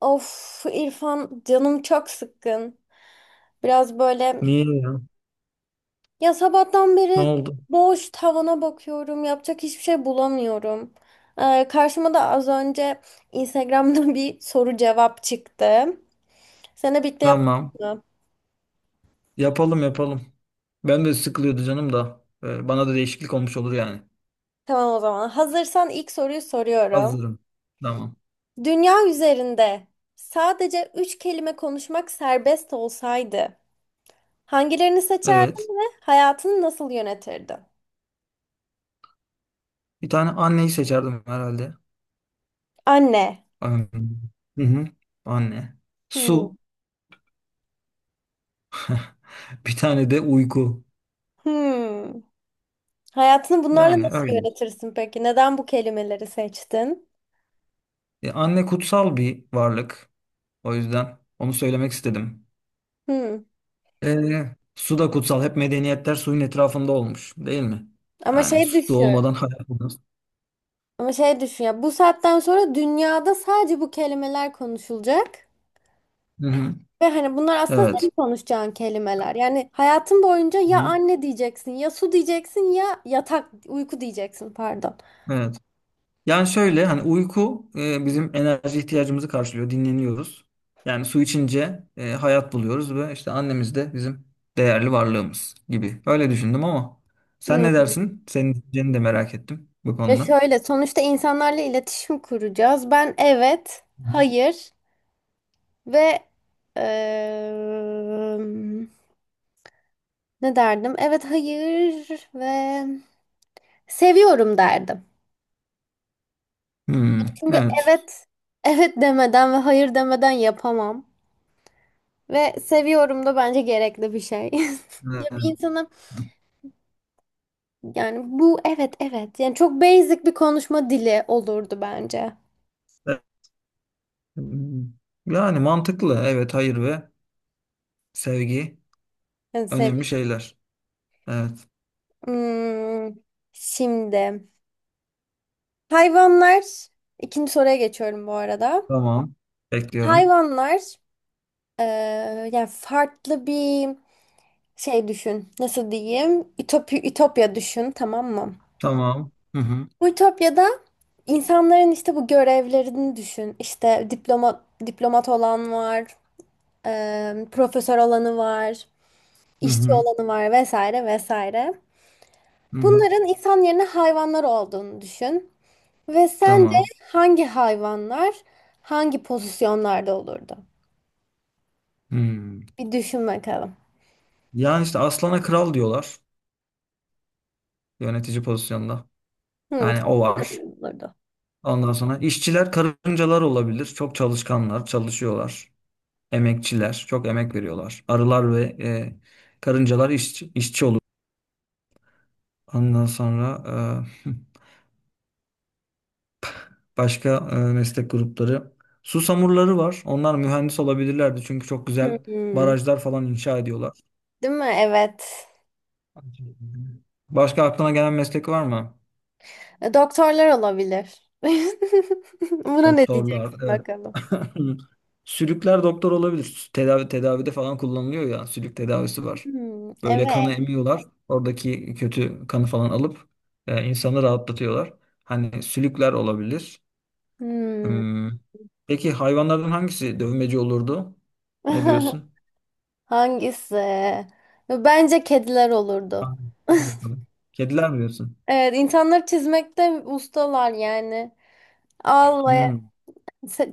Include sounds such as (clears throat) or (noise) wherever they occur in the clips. Of İrfan canım çok sıkkın. Biraz böyle Niye ya? ya sabahtan Ne beri oldu? boş tavana bakıyorum. Yapacak hiçbir şey bulamıyorum. Karşıma da az önce Instagram'da (laughs) bir soru cevap çıktı. Seninle birlikte yapalım Tamam. mı? Yapalım yapalım. Ben de sıkılıyordu canım da. Bana da değişiklik olmuş olur yani. Tamam o zaman. Hazırsan ilk soruyu soruyorum. Hazırım. Tamam. Dünya üzerinde sadece üç kelime konuşmak serbest olsaydı hangilerini seçerdin Evet. ve hayatını nasıl yönetirdin? Bir tane anneyi seçerdim herhalde. Anne. Anne. Hı hı. Anne. Hmm. Su. (laughs) Bir tane de uyku. Hmm. Hayatını bunlarla Yani nasıl öyle. yönetirsin peki? Neden bu kelimeleri seçtin? Anne kutsal bir varlık. O yüzden onu söylemek istedim. Hmm. Su da kutsal. Hep medeniyetler suyun etrafında olmuş, değil mi? Ama Yani şey su düşün. olmadan hayat olmaz. Ama şey düşün ya. Bu saatten sonra dünyada sadece bu kelimeler konuşulacak. Hı hı. Ve hani bunlar aslında senin Evet. konuşacağın kelimeler. Yani hayatın boyunca ya Hı. anne diyeceksin, ya su diyeceksin, ya yatak, uyku diyeceksin pardon. Evet. Yani şöyle hani uyku bizim enerji ihtiyacımızı karşılıyor. Dinleniyoruz. Yani su içince hayat buluyoruz ve işte annemiz de bizim değerli varlığımız gibi. Öyle düşündüm ama sen Hmm. ne dersin? Senin düşünceni de merak ettim bu Ve konuda. şöyle sonuçta insanlarla iletişim kuracağız. Ben evet, hayır ve eee, Ne derdim? Evet, hayır ve seviyorum derdim. Hmm, Çünkü evet. evet, evet demeden ve hayır demeden yapamam. Ve seviyorum da bence gerekli bir şey. (laughs) Ya Evet. bir insana yani bu evet evet yani çok basic bir konuşma dili olurdu bence. Yani mantıklı. Evet, hayır ve sevgi Yani sev önemli şeyler. Evet. Hmm, şimdi hayvanlar ikinci soruya geçiyorum bu arada. Tamam. Bekliyorum. Hayvanlar yani farklı bir şey düşün, nasıl diyeyim? Ütopi, Ütopya düşün, tamam mı? Tamam. Hı hı. Bu Ütopya'da insanların işte bu görevlerini düşün. İşte diplomat olan var, profesör olanı var, Hı işçi hı. olanı var vesaire vesaire. Hı hı. Bunların insan yerine hayvanlar olduğunu düşün. Ve sence Tamam. hangi hayvanlar hangi pozisyonlarda olurdu? Hmm. Bir düşün bakalım. Yani işte aslana kral diyorlar, yönetici pozisyonda. Hmm, Yani o çok güzel var. olurdu. Ondan sonra işçiler karıncalar olabilir. Çok çalışkanlar, çalışıyorlar. Emekçiler, çok emek veriyorlar. Arılar ve karıncalar işçi olur. Ondan sonra e, (laughs) başka meslek grupları. Su samurları var. Onlar mühendis olabilirlerdi. Çünkü çok güzel Hmm, barajlar falan inşa ediyorlar. değil mi? Evet. Başka aklına gelen meslek var mı? Doktorlar olabilir. (laughs) Buna ne Doktorlar, diyeceksin evet. bakalım? (laughs) Sülükler doktor olabilir. Tedavide falan kullanılıyor ya. Sülük tedavisi var. Hmm, Böyle kanı evet. emiyorlar. Oradaki kötü kanı falan alıp insanı rahatlatıyorlar. Hani sülükler olabilir. Hmm. Hmm. Peki hayvanlardan hangisi dövmeci olurdu? Ne (laughs) diyorsun? Hangisi? Bence kediler olurdu. Ha, hadi bakalım. Kediler mi diyorsun? Evet, insanları çizmekte ustalar yani. Allah Hmm.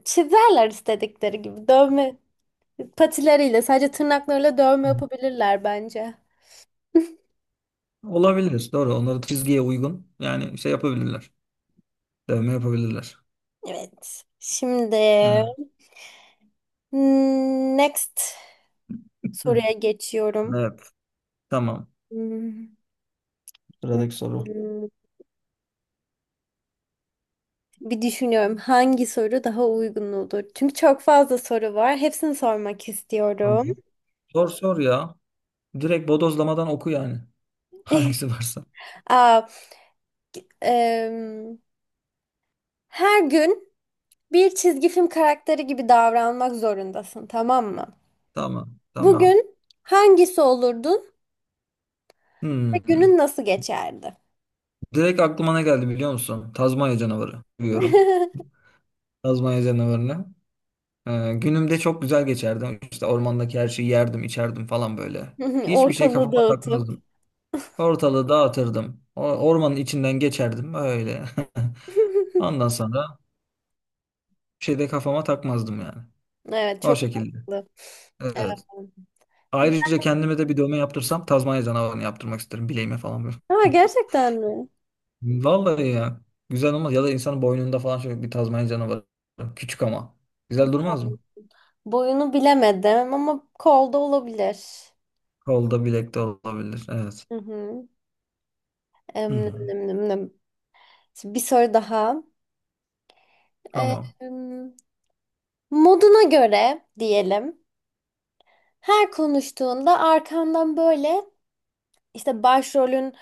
çizerler istedikleri gibi. Dövme patileriyle sadece tırnaklarıyla dövme yapabilirler bence. Olabilir. Doğru. Onları çizgiye uygun. Yani şey yapabilirler. Dövme yapabilirler. Evet. Şimdi Evet. hmm, next Hı. soruya geçiyorum. Evet. Tamam. Hmm. Sıradaki soru. Bir düşünüyorum hangi soru daha uygun olur. Çünkü çok fazla soru var. Hepsini sormak Tamam. istiyorum. Sor sor ya. Direkt bodozlamadan oku yani. (laughs) (laughs) Hangisi varsa. Aa, em, Her gün bir çizgi film karakteri gibi davranmak zorundasın, tamam mı? Tamam. Tamam. Bugün hangisi olurdun ve Hmm. günün nasıl geçerdi? Direkt aklıma ne geldi biliyor musun? Tazmanya canavarı. Biliyorum. (laughs) Tazmanya canavarını. Günümde çok güzel geçerdim. İşte ormandaki her şeyi yerdim, içerdim falan böyle. Hiçbir şey Ortalığı kafama dağıtıp. takmazdım. Ortalığı dağıtırdım. O, ormanın içinden geçerdim öyle. (laughs) (laughs) Ondan sonra bir şey de kafama takmazdım yani. Evet, O çok şekilde. mantıklı. Evet. Ayrıca kendime de bir dövme yaptırsam Tazmanya canavarını yaptırmak isterim bileğime falan böyle. Ama (laughs) gerçekten mi? Vallahi ya. Güzel olmaz. Ya da insanın boynunda falan şöyle bir Tazmanya canavarı. Küçük ama. Güzel durmaz Boy- mı? Boyunu bilemedim ama kolda olabilir. Kolda bilekte olabilir. Evet. Hı hı. Hı Em, hı. nem, nem, nem. Şimdi bir soru daha. Tamam. Em, Moduna göre diyelim. Her konuştuğunda arkandan böyle işte başrolün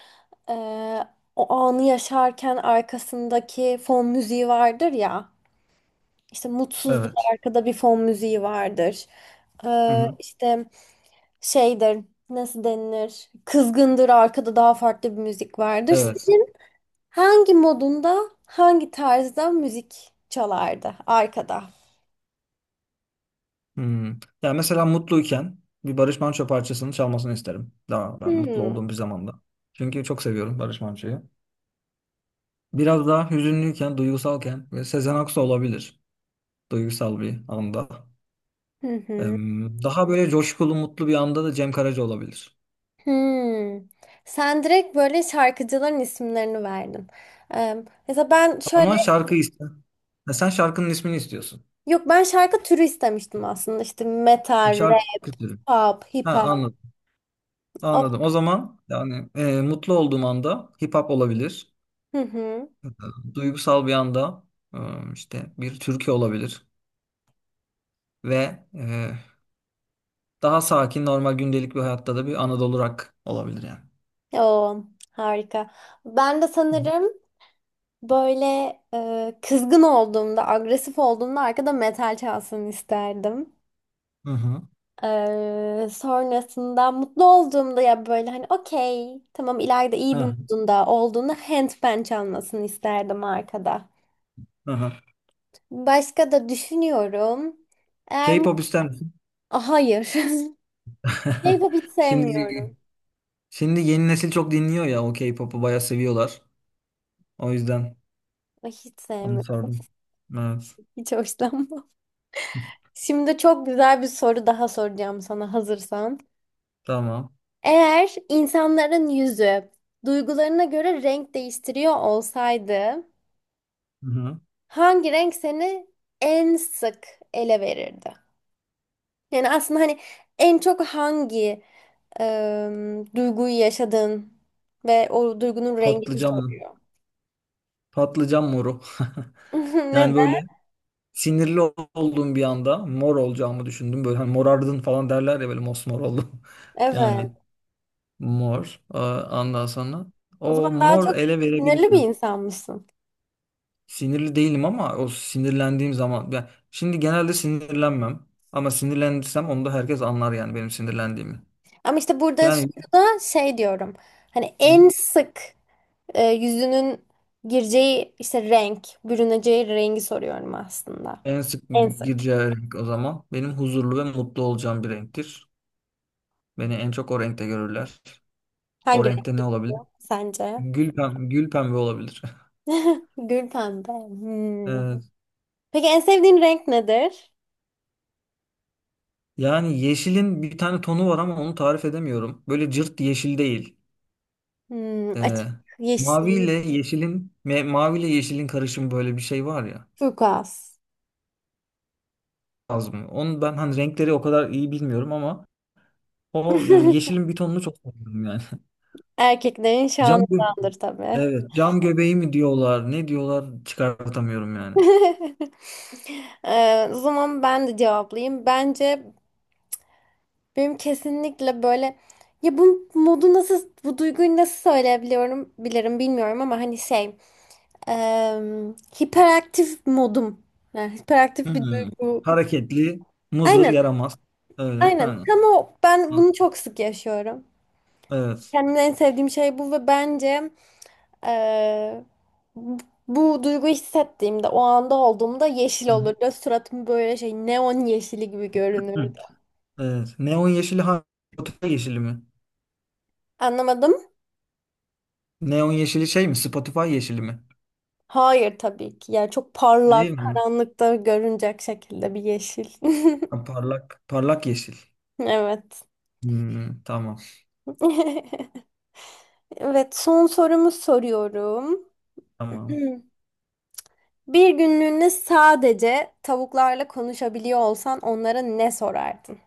e, o anı yaşarken arkasındaki fon müziği vardır ya. İşte mutsuzluk Evet. arkada bir fon müziği vardır. Hı hı. İşte şeydir nasıl denilir? Kızgındır arkada daha farklı bir müzik vardır. Evet. Hangi modunda, hangi tarzda müzik çalardı arkada? Hı. Ya mesela mutluyken bir Barış Manço parçasını çalmasını isterim. Daha ben mutlu Hmm. olduğum bir zamanda. Çünkü çok seviyorum Barış Manço'yu. Biraz daha hüzünlüyken, duygusalken ve Sezen Aksu olabilir. Duygusal bir anda. Hı Ee, hı. Daha böyle coşkulu, mutlu bir anda da Cem Karaca olabilir. Hmm. Sen direkt böyle şarkıcıların isimlerini verdin. Ee, Mesela ben şöyle, Ama şarkı iste. Ha, sen şarkının ismini istiyorsun. yok ben şarkı türü istemiştim aslında. İşte metal, rap, Şarkı istiyorum. pop, hip Ha, hop. anladım. O- Anladım. O zaman yani mutlu olduğum anda hip hop olabilir. Hı hı. E, Duygusal bir anda e, işte bir türkü olabilir ve daha sakin normal gündelik bir hayatta da bir Anadolu rock olabilir yani. Oo, harika. Ben de sanırım böyle kızgın olduğumda, agresif olduğumda arkada metal çalsın isterdim. Hı hı. Sonrasında mutlu olduğumda ya böyle hani okey tamam ileride iyi bir Hı modunda olduğunda handpan çalmasını isterdim arkada. hı. Hı. Başka da düşünüyorum. Eğer mut- K-pop ister misin? Ah, hayır. (laughs) (laughs) K-pop hiç sevmiyorum. Şimdi şimdi yeni nesil çok dinliyor ya, o K-pop'u bayağı seviyorlar. O yüzden Ay, hiç onu sevmiyorum. sordum. Evet. Hiç hoşlanmam. Şimdi çok güzel bir soru daha soracağım sana hazırsan. Tamam. Eğer insanların yüzü duygularına göre renk değiştiriyor olsaydı Hı-hı. hangi renk seni en sık ele verirdi? Yani aslında hani en çok hangi duyguyu yaşadın ve o duygunun rengini Patlıcan mı? soruyor. Patlıcan moru. (laughs) (laughs) Neden? Yani böyle sinirli olduğum bir anda mor olacağımı düşündüm. Böyle hani morardın falan derler ya, böyle mosmor oldum. (laughs) Yani Evet. mor. Aa, ondan sonra O zaman o daha mor çok ele sinirli bir verebilirim. insan mısın? Sinirli değilim ama o sinirlendiğim zaman. Yani şimdi genelde sinirlenmem. Ama sinirlendirsem onu da herkes anlar yani benim sinirlendiğimi. Ama işte burada Yani soruda şey diyorum. Hani en sık yüzünün gireceği işte renk, bürüneceği rengi soruyorum aslında. en sık En sık. gireceği renk o zaman. Benim huzurlu ve mutlu olacağım bir renktir. Beni en çok o renkte görürler. O Hangi renk renkte ne olabilir? geliyor sence? Gül pembe, gül pembe olabilir. (laughs) (laughs) Gül pembe. Hmm. Evet. Peki en sevdiğin renk nedir? Yani yeşilin bir tane tonu var ama onu tarif edemiyorum. Böyle cırt yeşil değil. Hmm, Ee, açık yeşil. Mavi ile yeşilin karışımı böyle bir şey var ya. Turkuaz. Az mı? Onu ben hani renkleri o kadar iyi bilmiyorum ama o (laughs) yeşilin bir tonunu çok seviyorum yani. (laughs) Erkeklerin Cam gö- şanındandır tabii. evet, cam göbeği mi diyorlar, ne diyorlar, çıkartamıyorum yani. (laughs) O zaman ben de cevaplayayım. Bence benim kesinlikle böyle ya bu modu nasıl bu duyguyu nasıl söyleyebiliyorum bilirim bilmiyorum ama hani şey em, hiperaktif modum. Yani hiperaktif bir Hmm. duygu. Hareketli, muzır, Aynen yaramaz. Öyle. aynen Ha. tam o ben Ha. bunu çok sık yaşıyorum. Evet. Kendimde en sevdiğim şey bu ve bence eee, bu bu duyguyu hissettiğimde, o anda olduğumda yeşil Hı. olurdu. Suratım böyle şey neon yeşili gibi Hı. görünürdü. Evet. Spotify yeşili mi? Anlamadım. Neon yeşili şey mi? Spotify yeşili mi? Hayır tabii ki. Yani çok Değil parlak, mi? karanlıkta görünecek şekilde bir yeşil. (laughs) Ha, parlak parlak yeşil. Evet. Hmm, tamam. (laughs) Evet, son sorumu soruyorum. (clears throat) Tamam. Hmm. Bir günlüğüne sadece tavuklarla konuşabiliyor olsan onlara ne sorardın?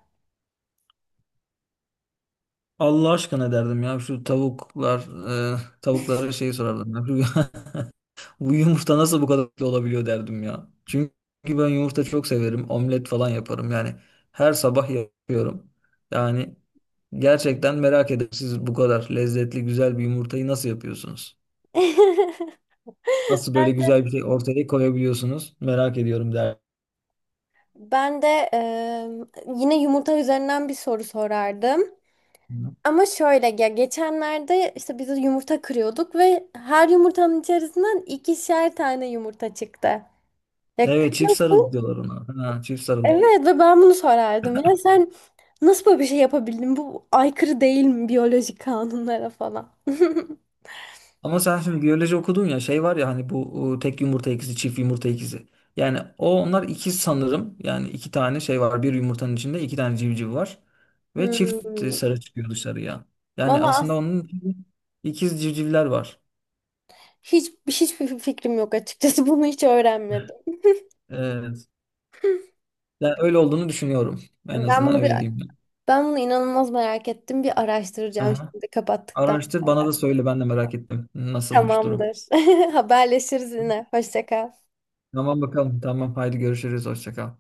Allah aşkına derdim ya, şu tavuklar e, tavuklara şey sorardım. (laughs) Bu yumurta nasıl bu kadar lezzetli olabiliyor derdim ya. Çünkü ben yumurta çok severim. Omlet falan yaparım. Yani her sabah yapıyorum. Yani gerçekten merak ederim, siz bu kadar lezzetli güzel bir yumurtayı nasıl yapıyorsunuz? (laughs) ben Nasıl böyle güzel bir şey ortaya koyabiliyorsunuz? Merak ediyorum derdim. Ben de yine yumurta üzerinden bir soru sorardım. Ama şöyle ya geçenlerde işte biz yumurta kırıyorduk ve her yumurtanın içerisinden ikişer tane yumurta çıktı. Ya Evet, çift sarılı kırıyorsun. diyorlar ona. Ha, çift sarılı. Evet ve ben bunu sorardım. Ya sen nasıl böyle bir şey yapabildin? Bu aykırı değil mi biyolojik kanunlara falan? (laughs) Ama sen şimdi biyoloji okudun ya, şey var ya, hani bu tek yumurta ikizi, çift yumurta ikizi. Yani o onlar ikiz sanırım. Yani iki tane şey var. Bir yumurtanın içinde iki tane civciv var. Ve çift Hmm. sarı çıkıyor dışarıya. Yani Valla aslında as- onun içinde ikiz civcivler var. Hiç hiçbir fikrim yok açıkçası. (laughs) Bunu hiç öğrenmedim. Evet. Yani öyle olduğunu düşünüyorum. En Ben azından bunu bir öyle diyeyim ben. Ben bunu inanılmaz merak ettim. Bir araştıracağım Aha. şimdi kapattıktan Araştır, sonra. bana da söyle, ben de merak ettim. Nasılmış durum. Tamamdır. (laughs) Haberleşiriz yine. Hoşça kal. Tamam bakalım. Tamam, haydi görüşürüz. Hoşça kal.